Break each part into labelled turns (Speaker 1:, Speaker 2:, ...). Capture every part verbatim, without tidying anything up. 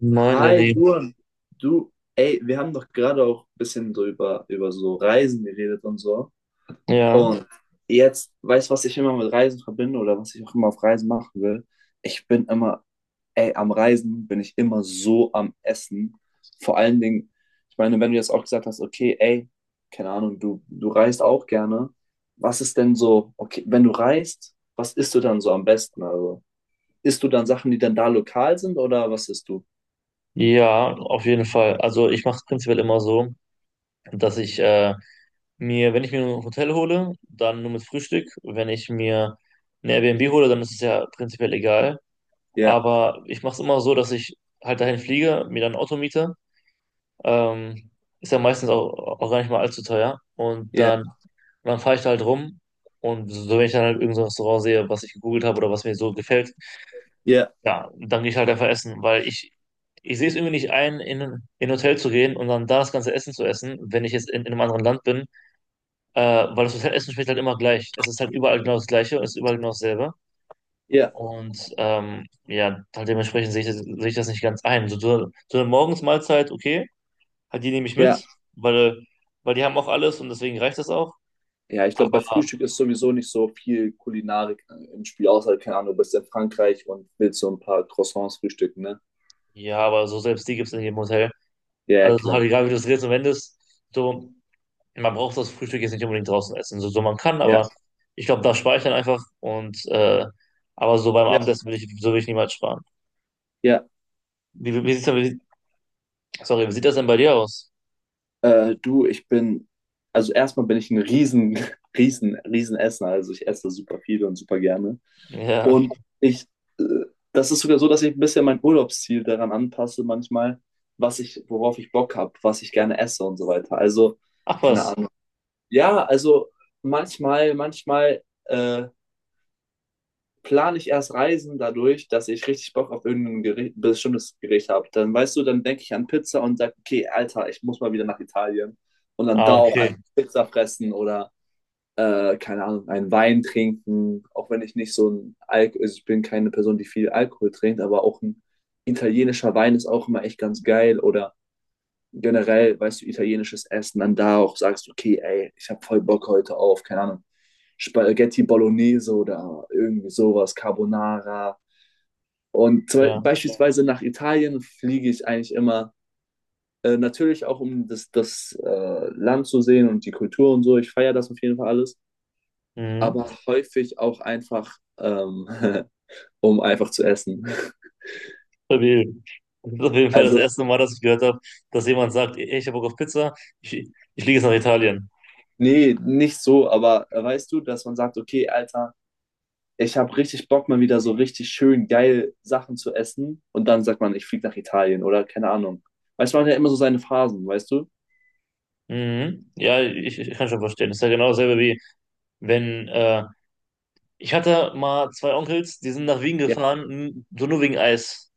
Speaker 1: Moin,
Speaker 2: Hi,
Speaker 1: Lenny.
Speaker 2: Duan. Du, ey, wir haben doch gerade auch ein bisschen so über, über so Reisen geredet und so.
Speaker 1: Ja,
Speaker 2: Und jetzt, weißt du, was ich immer mit Reisen verbinde oder was ich auch immer auf Reisen machen will? Ich bin immer, ey, am Reisen bin ich immer so am Essen. Vor allen Dingen, ich meine, wenn du jetzt auch gesagt hast, okay, ey, keine Ahnung, du, du reist auch gerne. Was ist denn so, okay, wenn du reist, was isst du dann so am besten? Also, isst du dann Sachen, die dann da lokal sind oder was isst du?
Speaker 1: ja, auf jeden Fall. Also ich mache es prinzipiell immer so, dass ich äh, mir, wenn ich mir ein Hotel hole, dann nur mit Frühstück. Wenn ich mir ein Airbnb hole, dann ist es ja prinzipiell egal.
Speaker 2: Ja,
Speaker 1: Aber ich mache es immer so, dass ich halt dahin fliege, mir dann ein Auto miete. Ähm, ist ja meistens auch, auch gar nicht mal allzu teuer. Und dann, und
Speaker 2: ja.
Speaker 1: dann fahre ich da halt rum. Und so, wenn ich dann halt irgend so ein Restaurant sehe, was ich gegoogelt habe oder was mir so gefällt.
Speaker 2: Ja,
Speaker 1: Ja, dann gehe ich halt einfach essen, weil ich, ich sehe es irgendwie nicht ein, in, in ein Hotel zu gehen und dann da das ganze Essen zu essen, wenn ich jetzt in, in einem anderen Land bin, äh, weil das Hotelessen schmeckt halt immer gleich. Es ist halt überall genau das Gleiche und es ist überall genau dasselbe.
Speaker 2: ja,
Speaker 1: Und ähm, ja, halt dementsprechend sehe ich, das- sehe ich das nicht ganz ein. So, so so eine Morgensmahlzeit, okay, halt die nehme ich
Speaker 2: ja.
Speaker 1: mit, weil, weil die haben auch alles und deswegen reicht das auch.
Speaker 2: Ja, ich glaube, bei
Speaker 1: Aber
Speaker 2: Frühstück ist sowieso nicht so viel Kulinarik äh, im Spiel, außer, keine Ahnung, du bist in Frankreich und willst so ein paar Croissants frühstücken, ne?
Speaker 1: ja, aber so selbst die gibt es in jedem Hotel.
Speaker 2: Ja, ja,
Speaker 1: Also es ist halt
Speaker 2: klar.
Speaker 1: egal, wie du es drehst und wendest, so man braucht das Frühstück jetzt nicht unbedingt draußen essen, so, so man kann,
Speaker 2: Ja,
Speaker 1: aber ich glaube, da spare ich dann einfach und äh, aber so beim
Speaker 2: ja,
Speaker 1: Abendessen will ich, so will ich niemals sparen.
Speaker 2: ja.
Speaker 1: Wie, wie sieht's denn, wie, sorry, wie sieht das denn bei dir aus?
Speaker 2: Äh, du, ich bin, also erstmal bin ich ein riesen, riesen, riesen Esser. Also ich esse super viel und super gerne.
Speaker 1: Ja.
Speaker 2: Und ich, äh, das ist sogar so, dass ich ein bisschen mein Urlaubsziel daran anpasse manchmal, was ich, worauf ich Bock habe, was ich gerne esse und so weiter. Also,
Speaker 1: Ach
Speaker 2: keine
Speaker 1: was.
Speaker 2: Ahnung. Ja, also manchmal, manchmal äh, plane ich erst Reisen dadurch, dass ich richtig Bock auf irgendein Gericht, bestimmtes Gericht habe. Dann weißt du, dann denke ich an Pizza und sage, okay, Alter, ich muss mal wieder nach Italien. Und dann
Speaker 1: Ah,
Speaker 2: da auch
Speaker 1: okay.
Speaker 2: einfach Pizza fressen oder, äh, keine Ahnung, einen Wein trinken. Auch wenn ich nicht so ein Alk, also ich bin keine Person, die viel Alkohol trinkt, aber auch ein italienischer Wein ist auch immer echt ganz geil. Oder generell, weißt du, italienisches Essen, dann da auch sagst, okay, ey, ich habe voll Bock heute auf, keine Ahnung, Spaghetti Bolognese oder irgendwie sowas, Carbonara. Und zum, Be-
Speaker 1: Ja.
Speaker 2: beispielsweise nach Italien fliege ich eigentlich immer, äh, natürlich auch um das, das äh, Land zu sehen und die Kultur und so. Ich feiere das auf jeden Fall alles,
Speaker 1: Mhm.
Speaker 2: aber häufig auch einfach, ähm, um einfach zu essen.
Speaker 1: Stabil. Das ist auf jeden Fall das
Speaker 2: Also,
Speaker 1: erste Mal, dass ich gehört habe, dass jemand sagt, ey, ich habe Bock auf Pizza, ich, ich fliege jetzt nach Italien.
Speaker 2: nee, nicht so, aber äh, weißt du, dass man sagt, okay, Alter, ich habe richtig Bock, mal wieder so richtig schön geil Sachen zu essen. Und dann sagt man, ich fliege nach Italien oder keine Ahnung. Weißt du, man hat ja immer so seine Phasen, weißt du?
Speaker 1: Mhm. Ja, ich, ich kann schon verstehen. Das ist ja genau dasselbe wie wenn, äh, ich hatte mal zwei Onkels, die sind nach Wien
Speaker 2: Ja,
Speaker 1: gefahren, m, so nur wegen Eis.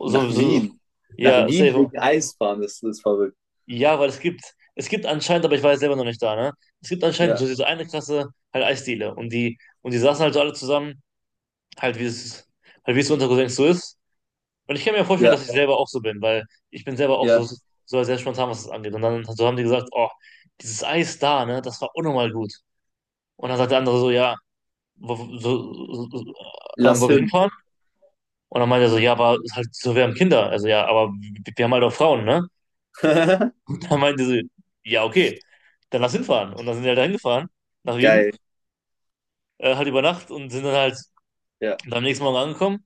Speaker 1: So,
Speaker 2: nach
Speaker 1: so,
Speaker 2: Wien. Nach
Speaker 1: ja,
Speaker 2: Wien
Speaker 1: safe.
Speaker 2: wegen Eisbahn, das ist verrückt.
Speaker 1: Ja, weil es gibt, es gibt anscheinend, aber ich war jetzt selber noch nicht da, ne? Es gibt anscheinend so
Speaker 2: Ja,
Speaker 1: diese eine Klasse, halt Eisdiele. Und die, und die saßen halt so alle zusammen, halt wie es, halt wie es unter Cousins so ist. Und ich kann mir vorstellen,
Speaker 2: ja,
Speaker 1: dass ich selber auch so bin, weil ich bin selber auch so,
Speaker 2: ja.
Speaker 1: so sehr spontan, was das angeht. Und dann so haben die gesagt, oh, dieses Eis da, ne, das war unnormal gut. Und dann sagt der andere so, ja, wo, wo- so, so, ähm,
Speaker 2: Lass
Speaker 1: wo wir
Speaker 2: hin.
Speaker 1: hinfahren? Und dann meinte er so, ja, aber halt, so, wir haben Kinder. Also ja, aber wir wir haben halt auch Frauen, ne? Da meinte sie, ja, okay, dann lass hinfahren. Und dann sind die halt dahin gefahren nach Wien,
Speaker 2: Geil,
Speaker 1: äh, halt über Nacht und sind dann halt
Speaker 2: ja,
Speaker 1: am nächsten Morgen angekommen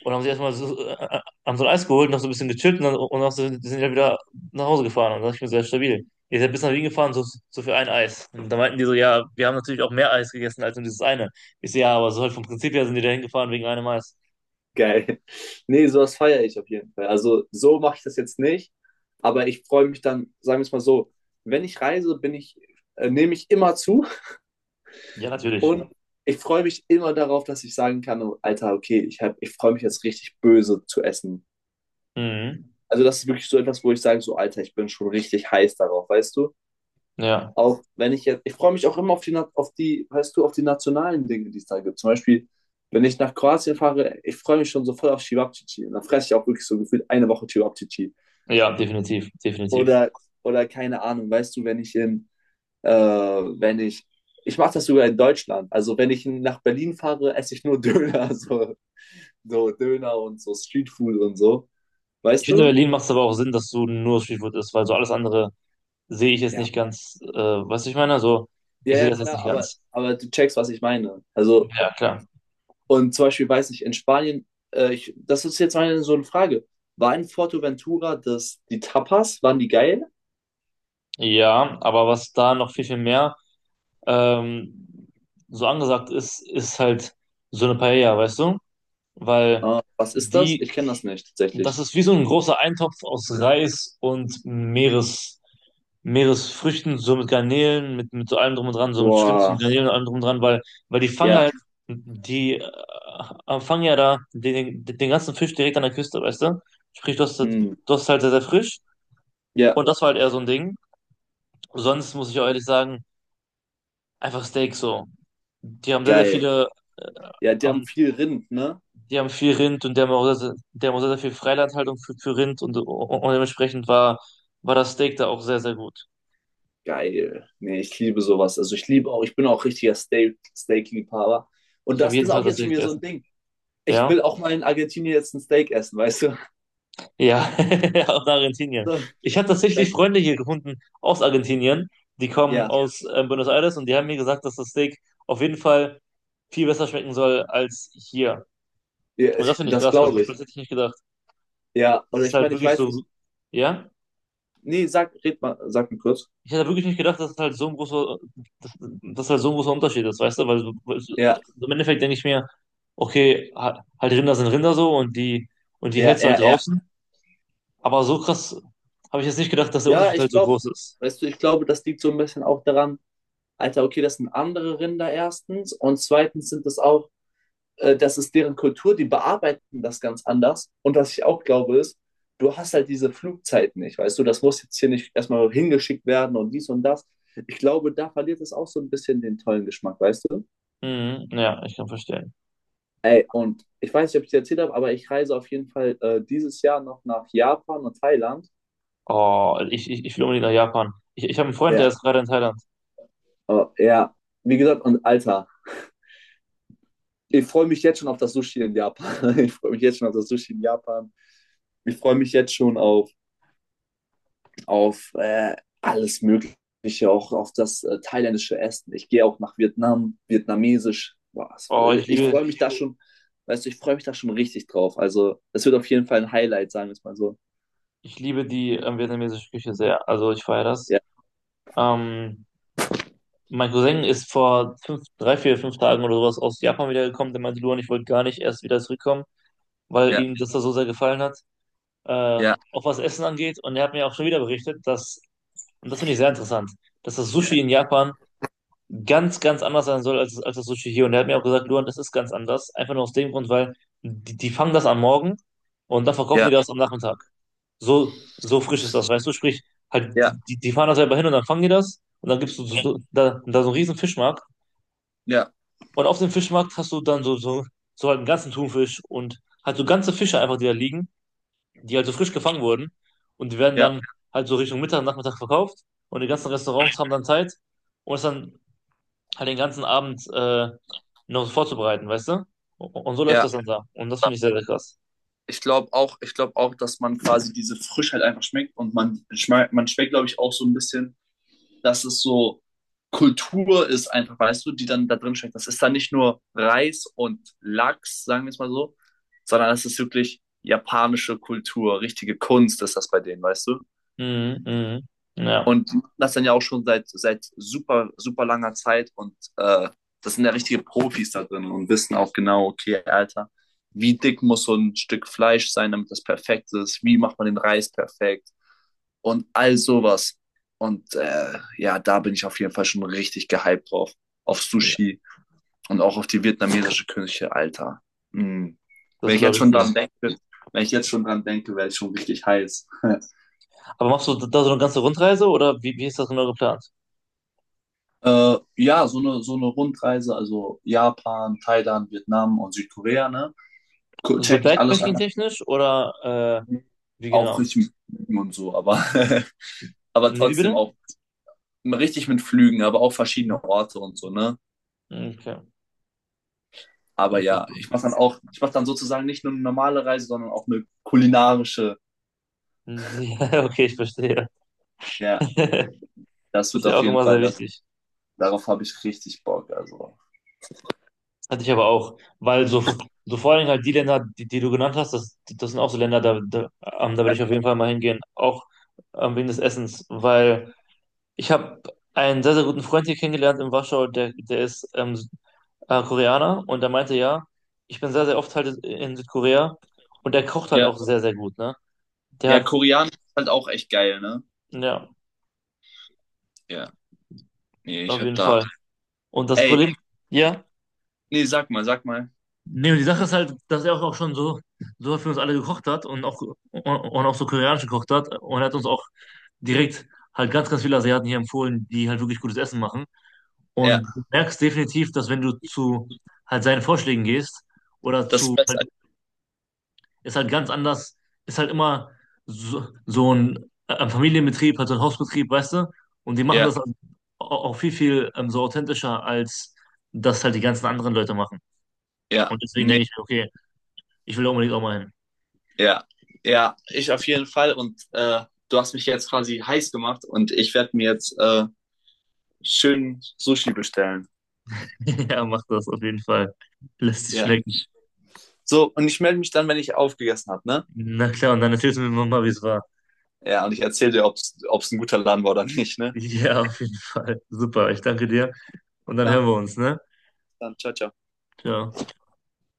Speaker 1: und haben sich erstmal so, äh, äh, haben so ein Eis geholt, noch so ein bisschen gechillt und dann, und dann sind die halt wieder nach Hause gefahren. Und dann dachte ich mir, sehr stabil. Ihr seid bis nach Wien gefahren, so, so für ein Eis. Und da meinten die so, ja, wir haben natürlich auch mehr Eis gegessen als nur dieses eine. Ich so, ja, aber so halt vom Prinzip her sind die da hingefahren wegen einem Eis.
Speaker 2: geil. Nee, sowas feiere ich auf jeden Fall. Also so mache ich das jetzt nicht, aber ich freue mich dann, sagen wir es mal so, wenn ich reise, bin ich, äh, nehme ich immer zu.
Speaker 1: Ja, natürlich.
Speaker 2: Und ich freue mich immer darauf, dass ich sagen kann, oh, Alter, okay, ich, hab- ich freue mich jetzt richtig böse zu essen.
Speaker 1: Mhm.
Speaker 2: Also das ist wirklich so etwas, wo ich sage, so Alter, ich bin schon richtig heiß darauf, weißt du?
Speaker 1: Ja,
Speaker 2: Auch wenn ich jetzt, ich freue mich auch immer auf die, Na- auf die, weißt du, auf die nationalen Dinge, die es da gibt. Zum Beispiel, wenn ich nach Kroatien fahre, ich freue mich schon so voll auf Cevapcici. Und dann fresse ich auch wirklich so gefühlt eine Woche Cevapcici.
Speaker 1: ja, definitiv, definitiv.
Speaker 2: Oder, oder keine Ahnung, weißt du, wenn ich in, äh, wenn ich, ich mache das sogar in Deutschland. Also wenn ich nach Berlin fahre, esse ich nur Döner, so. So Döner und so Streetfood und so.
Speaker 1: Ich
Speaker 2: Weißt
Speaker 1: finde, in
Speaker 2: du?
Speaker 1: Berlin macht es aber auch Sinn, dass du nur Streetfood isst, weil so alles andere sehe ich jetzt
Speaker 2: Ja.
Speaker 1: nicht ganz, äh, was ich meine. So, ich
Speaker 2: Ja,
Speaker 1: sehe
Speaker 2: ja,
Speaker 1: das jetzt
Speaker 2: klar,
Speaker 1: nicht
Speaker 2: aber,
Speaker 1: ganz.
Speaker 2: aber du checkst, was ich meine. Also,
Speaker 1: Ja, klar.
Speaker 2: und zum Beispiel, weiß ich, in Spanien, äh, ich, das ist jetzt meine so eine Frage. War in Forteventura das, die Tapas, waren die geil?
Speaker 1: Ja, aber was da noch viel, viel mehr ähm, so angesagt ist, ist halt so eine Paella, weißt du? Weil
Speaker 2: Äh, was ist das?
Speaker 1: die
Speaker 2: Ich kenne das nicht
Speaker 1: Das
Speaker 2: tatsächlich.
Speaker 1: ist wie so ein großer Eintopf aus Reis und Meeres, Meeresfrüchten, so mit Garnelen, mit, mit so allem drum und dran, so mit Schrimps
Speaker 2: Boah,
Speaker 1: und Garnelen und allem drum und dran, weil, weil die fangen
Speaker 2: ja,
Speaker 1: halt, die äh, äh, fangen ja da den, den ganzen Fisch direkt an der Küste, weißt du? Sprich, du hast, das-
Speaker 2: hm,
Speaker 1: du hast halt sehr, sehr frisch
Speaker 2: ja,
Speaker 1: und das war halt eher so ein Ding. Sonst muss ich auch ehrlich sagen, einfach Steak so. Die haben sehr, sehr
Speaker 2: geil.
Speaker 1: viele
Speaker 2: Ja, die
Speaker 1: äh,
Speaker 2: haben viel Rind, ne?
Speaker 1: Die haben viel Rind und die haben auch sehr, sehr- die haben auch sehr, sehr viel Freilandhaltung für, für Rind und, und dementsprechend war, war das Steak da auch sehr, sehr gut.
Speaker 2: Geil. Nee, ich liebe sowas. Also ich liebe auch, ich bin auch richtiger Steak, Steak-Liebhaber. Und
Speaker 1: Ich habe
Speaker 2: das
Speaker 1: jeden
Speaker 2: ist
Speaker 1: Tag
Speaker 2: auch
Speaker 1: das
Speaker 2: jetzt schon
Speaker 1: Steak
Speaker 2: wieder so
Speaker 1: gegessen.
Speaker 2: ein Ding. Ich
Speaker 1: Ja,
Speaker 2: will auch mal in Argentinien jetzt ein Steak essen, weißt du?
Speaker 1: ja, aus Argentinien.
Speaker 2: So,
Speaker 1: Ich habe tatsächlich
Speaker 2: dann-
Speaker 1: Freunde hier gefunden aus Argentinien, die kommen
Speaker 2: ja,
Speaker 1: aus äh, Buenos Aires und die haben mir gesagt, dass das Steak auf jeden Fall viel besser schmecken soll als hier.
Speaker 2: ja,
Speaker 1: Und das finde ich
Speaker 2: das
Speaker 1: krass, weil
Speaker 2: glaube
Speaker 1: weil
Speaker 2: ich.
Speaker 1: das hätte ich nicht gedacht.
Speaker 2: Ja,
Speaker 1: Das
Speaker 2: oder
Speaker 1: ist
Speaker 2: ich
Speaker 1: halt
Speaker 2: meine, ich
Speaker 1: wirklich
Speaker 2: weiß
Speaker 1: so,
Speaker 2: nicht.
Speaker 1: ja?
Speaker 2: Nee, sag, red mal, sag mir kurz.
Speaker 1: Ich hätte wirklich nicht gedacht, dass es halt so ein großer, dass, dass halt so ein großer Unterschied ist, weißt du? Weil, so, weil so,
Speaker 2: Ja,
Speaker 1: so im Endeffekt denke ich mir, okay, ha- halt Rinder sind Rinder so und die und die
Speaker 2: ja,
Speaker 1: hältst du halt
Speaker 2: ja, ja.
Speaker 1: draußen. Aber so krass habe ich jetzt nicht gedacht, dass der
Speaker 2: Ja,
Speaker 1: Unterschied halt
Speaker 2: ich
Speaker 1: so
Speaker 2: glaube,
Speaker 1: groß ist.
Speaker 2: weißt du, ich glaube, das liegt so ein bisschen auch daran, Alter, okay, das sind andere Rinder erstens und zweitens sind das auch äh, das ist deren Kultur, die bearbeiten das ganz anders. Und was ich auch glaube ist, du hast halt diese Flugzeiten nicht, weißt du, das muss jetzt hier nicht erstmal hingeschickt werden und dies und das. Ich glaube, da verliert es auch so ein bisschen den tollen Geschmack, weißt du?
Speaker 1: Mhm, ja, ich kann verstehen.
Speaker 2: Ey, und ich weiß nicht, ob ich dir erzählt habe, aber ich reise auf jeden Fall äh, dieses Jahr noch nach Japan und Thailand.
Speaker 1: Oh, ich, ich, ich will unbedingt nach Japan. Ich, ich habe einen Freund, der
Speaker 2: Ja,
Speaker 1: ist gerade in Thailand.
Speaker 2: oh, ja, wie gesagt, und Alter, ich freue mich jetzt schon auf das Sushi in Japan. Ich freue mich jetzt schon auf das Sushi in Japan. Ich freue mich jetzt schon auf auf äh, alles Mögliche, auch auf das äh, thailändische Essen. Ich gehe auch nach Vietnam, vietnamesisch. Boah,
Speaker 1: Oh,
Speaker 2: äh,
Speaker 1: ich
Speaker 2: ich
Speaker 1: liebe,
Speaker 2: freue mich da schon, weißt du, ich freue mich da schon richtig drauf. Also, es wird auf jeden Fall ein Highlight, sagen wir es mal so.
Speaker 1: ich liebe die ähm, vietnamesische Küche sehr. Also ich feiere das.
Speaker 2: Ja,
Speaker 1: Ähm, Mein Cousin ist vor fünf, drei, vier, fünf Tagen oder sowas aus Japan wiedergekommen. Der meinte, Luan, ich wollte gar nicht erst wieder zurückkommen, weil
Speaker 2: ja,
Speaker 1: ihm das da so sehr gefallen hat, äh,
Speaker 2: ja,
Speaker 1: auch was Essen angeht. Und er hat mir auch schon wieder berichtet, dass, und das finde ich sehr interessant, dass das
Speaker 2: ja,
Speaker 1: Sushi in Japan ganz, ganz anders sein soll als, als das Sushi hier. Und er hat mir auch gesagt, Luan, das ist ganz anders. Einfach nur aus dem Grund, weil die, die fangen das am Morgen und dann verkaufen die
Speaker 2: ja,
Speaker 1: das am Nachmittag. So, so frisch ist das, weißt du? Sprich, halt,
Speaker 2: ja,
Speaker 1: die, die, die fahren da selber hin und dann fangen die das. Und dann gibt's so, so, so- da, da so einen riesen Fischmarkt.
Speaker 2: ja,
Speaker 1: Und auf dem Fischmarkt hast du dann so, so, so halt einen ganzen Thunfisch und halt so ganze Fische einfach, die da liegen, die halt so frisch gefangen wurden. Und die werden
Speaker 2: ja,
Speaker 1: dann halt so Richtung Mittag, Nachmittag verkauft. Und die ganzen Restaurants haben dann Zeit, um es dann halt den ganzen Abend äh, noch so vorzubereiten, weißt du? Und so läuft
Speaker 2: ja.
Speaker 1: das dann da. Und das finde ich sehr, sehr krass.
Speaker 2: Ich glaube auch, ich glaube auch, dass man quasi diese Frischheit einfach schmeckt und man schmeckt, man schmeckt, glaube ich, auch so ein bisschen, dass es so Kultur ist, einfach, weißt du, die dann da drin steckt. Das ist dann nicht nur Reis und Lachs, sagen wir es mal so, sondern es ist wirklich japanische Kultur, richtige Kunst ist das bei denen, weißt du?
Speaker 1: Mhm, mhm. Ja,
Speaker 2: Und die machen das dann ja auch schon seit, seit super, super langer Zeit und äh, das sind ja richtige Profis da drin und wissen auch genau, okay, Alter, wie dick muss so ein Stück Fleisch sein, damit das perfekt ist, wie macht man den Reis perfekt, und all sowas. Und äh, ja, da bin ich auf jeden Fall schon richtig gehypt drauf. Auf Sushi und auch auf die vietnamesische Küche, Alter. Mm. Wenn
Speaker 1: das
Speaker 2: ich jetzt
Speaker 1: glaube ich
Speaker 2: schon
Speaker 1: dir.
Speaker 2: dran denke, wenn ich jetzt schon dran denke, werde ich schon richtig heiß.
Speaker 1: Aber machst du da so eine ganze Rundreise oder wie, wie ist das genau geplant?
Speaker 2: Äh, ja, so eine, so eine Rundreise, also Japan, Thailand, Vietnam und Südkorea, ne? Gu-
Speaker 1: So
Speaker 2: Check ich alles an.
Speaker 1: Backpacking-technisch oder äh, wie
Speaker 2: Auch
Speaker 1: genau?
Speaker 2: richtig mit Flügen und so, aber, aber
Speaker 1: Nee, wie
Speaker 2: trotzdem
Speaker 1: bitte?
Speaker 2: auch richtig mit Flügen, aber auch verschiedene Orte und so, ne?
Speaker 1: Okay,
Speaker 2: Aber
Speaker 1: okay,
Speaker 2: ja,
Speaker 1: cool.
Speaker 2: ich mache dann auch, ich mache dann sozusagen nicht nur eine normale Reise, sondern auch eine kulinarische.
Speaker 1: Hm, ja, okay, ich verstehe.
Speaker 2: Ja, das
Speaker 1: Das ist
Speaker 2: wird
Speaker 1: ja
Speaker 2: auf
Speaker 1: auch
Speaker 2: jeden
Speaker 1: immer sehr
Speaker 2: Fall, das,
Speaker 1: wichtig.
Speaker 2: darauf habe ich richtig Bock. Also,
Speaker 1: Hatte ich aber auch, weil so, so vor allem halt die Länder, die, die du genannt hast, das, das sind auch so Länder, da, da, ähm, da würde
Speaker 2: ja,
Speaker 1: ich auf jeden Fall mal hingehen, auch ähm, wegen des Essens, weil ich habe einen sehr, sehr guten Freund hier kennengelernt in Warschau, der, der ist ähm, äh, Koreaner und der meinte, ja, ich bin sehr, sehr oft halt in Südkorea und der kocht halt auch
Speaker 2: ja,
Speaker 1: sehr, sehr gut, ne? Der
Speaker 2: ja,
Speaker 1: hat,
Speaker 2: Koreanisch ist halt auch echt geil, ne?
Speaker 1: ja,
Speaker 2: Ja, nee, ich
Speaker 1: auf
Speaker 2: habe
Speaker 1: jeden
Speaker 2: da,
Speaker 1: Fall. Und das
Speaker 2: ey,
Speaker 1: Problem, ja.
Speaker 2: nee, sag mal, sag mal.
Speaker 1: Nee, und die Sache ist halt, dass er auch auch schon so, so für uns alle gekocht hat und auch, und, und auch so koreanisch gekocht hat. Und er hat uns auch direkt halt ganz, ganz viele Asiaten hier empfohlen, die halt wirklich gutes Essen machen.
Speaker 2: Ja,
Speaker 1: Und du merkst definitiv, dass wenn du zu halt seinen Vorschlägen gehst oder
Speaker 2: das ist
Speaker 1: zu,
Speaker 2: besser.
Speaker 1: halt, ist halt ganz anders, ist halt immer so, so ein, äh, ein Familienbetrieb, halt so ein Hausbetrieb, weißt du? Und die machen
Speaker 2: Ja,
Speaker 1: das auch auch viel, viel ähm, so authentischer, als das halt die ganzen anderen Leute machen.
Speaker 2: ja,
Speaker 1: Und deswegen
Speaker 2: nee,
Speaker 1: denke ich, okay, ich will da unbedingt auch mal hin.
Speaker 2: ja, ja, ich auf jeden Fall. Und äh, du hast mich jetzt quasi heiß gemacht und ich werde mir jetzt äh, schön Sushi bestellen.
Speaker 1: Ja, mach das auf jeden Fall. Lass dich
Speaker 2: Ja.
Speaker 1: schmecken.
Speaker 2: So, und ich melde mich dann, wenn ich aufgegessen habe, ne?
Speaker 1: Na klar, und dann erzählst du mir mal, wie es war.
Speaker 2: Ja, und ich erzähle dir, ob es ein guter Laden war oder nicht, ne?
Speaker 1: Ja, auf jeden Fall. Super, ich danke dir. Und dann hören
Speaker 2: Dann,
Speaker 1: wir uns, ne?
Speaker 2: dann, ciao, ciao.
Speaker 1: Ciao.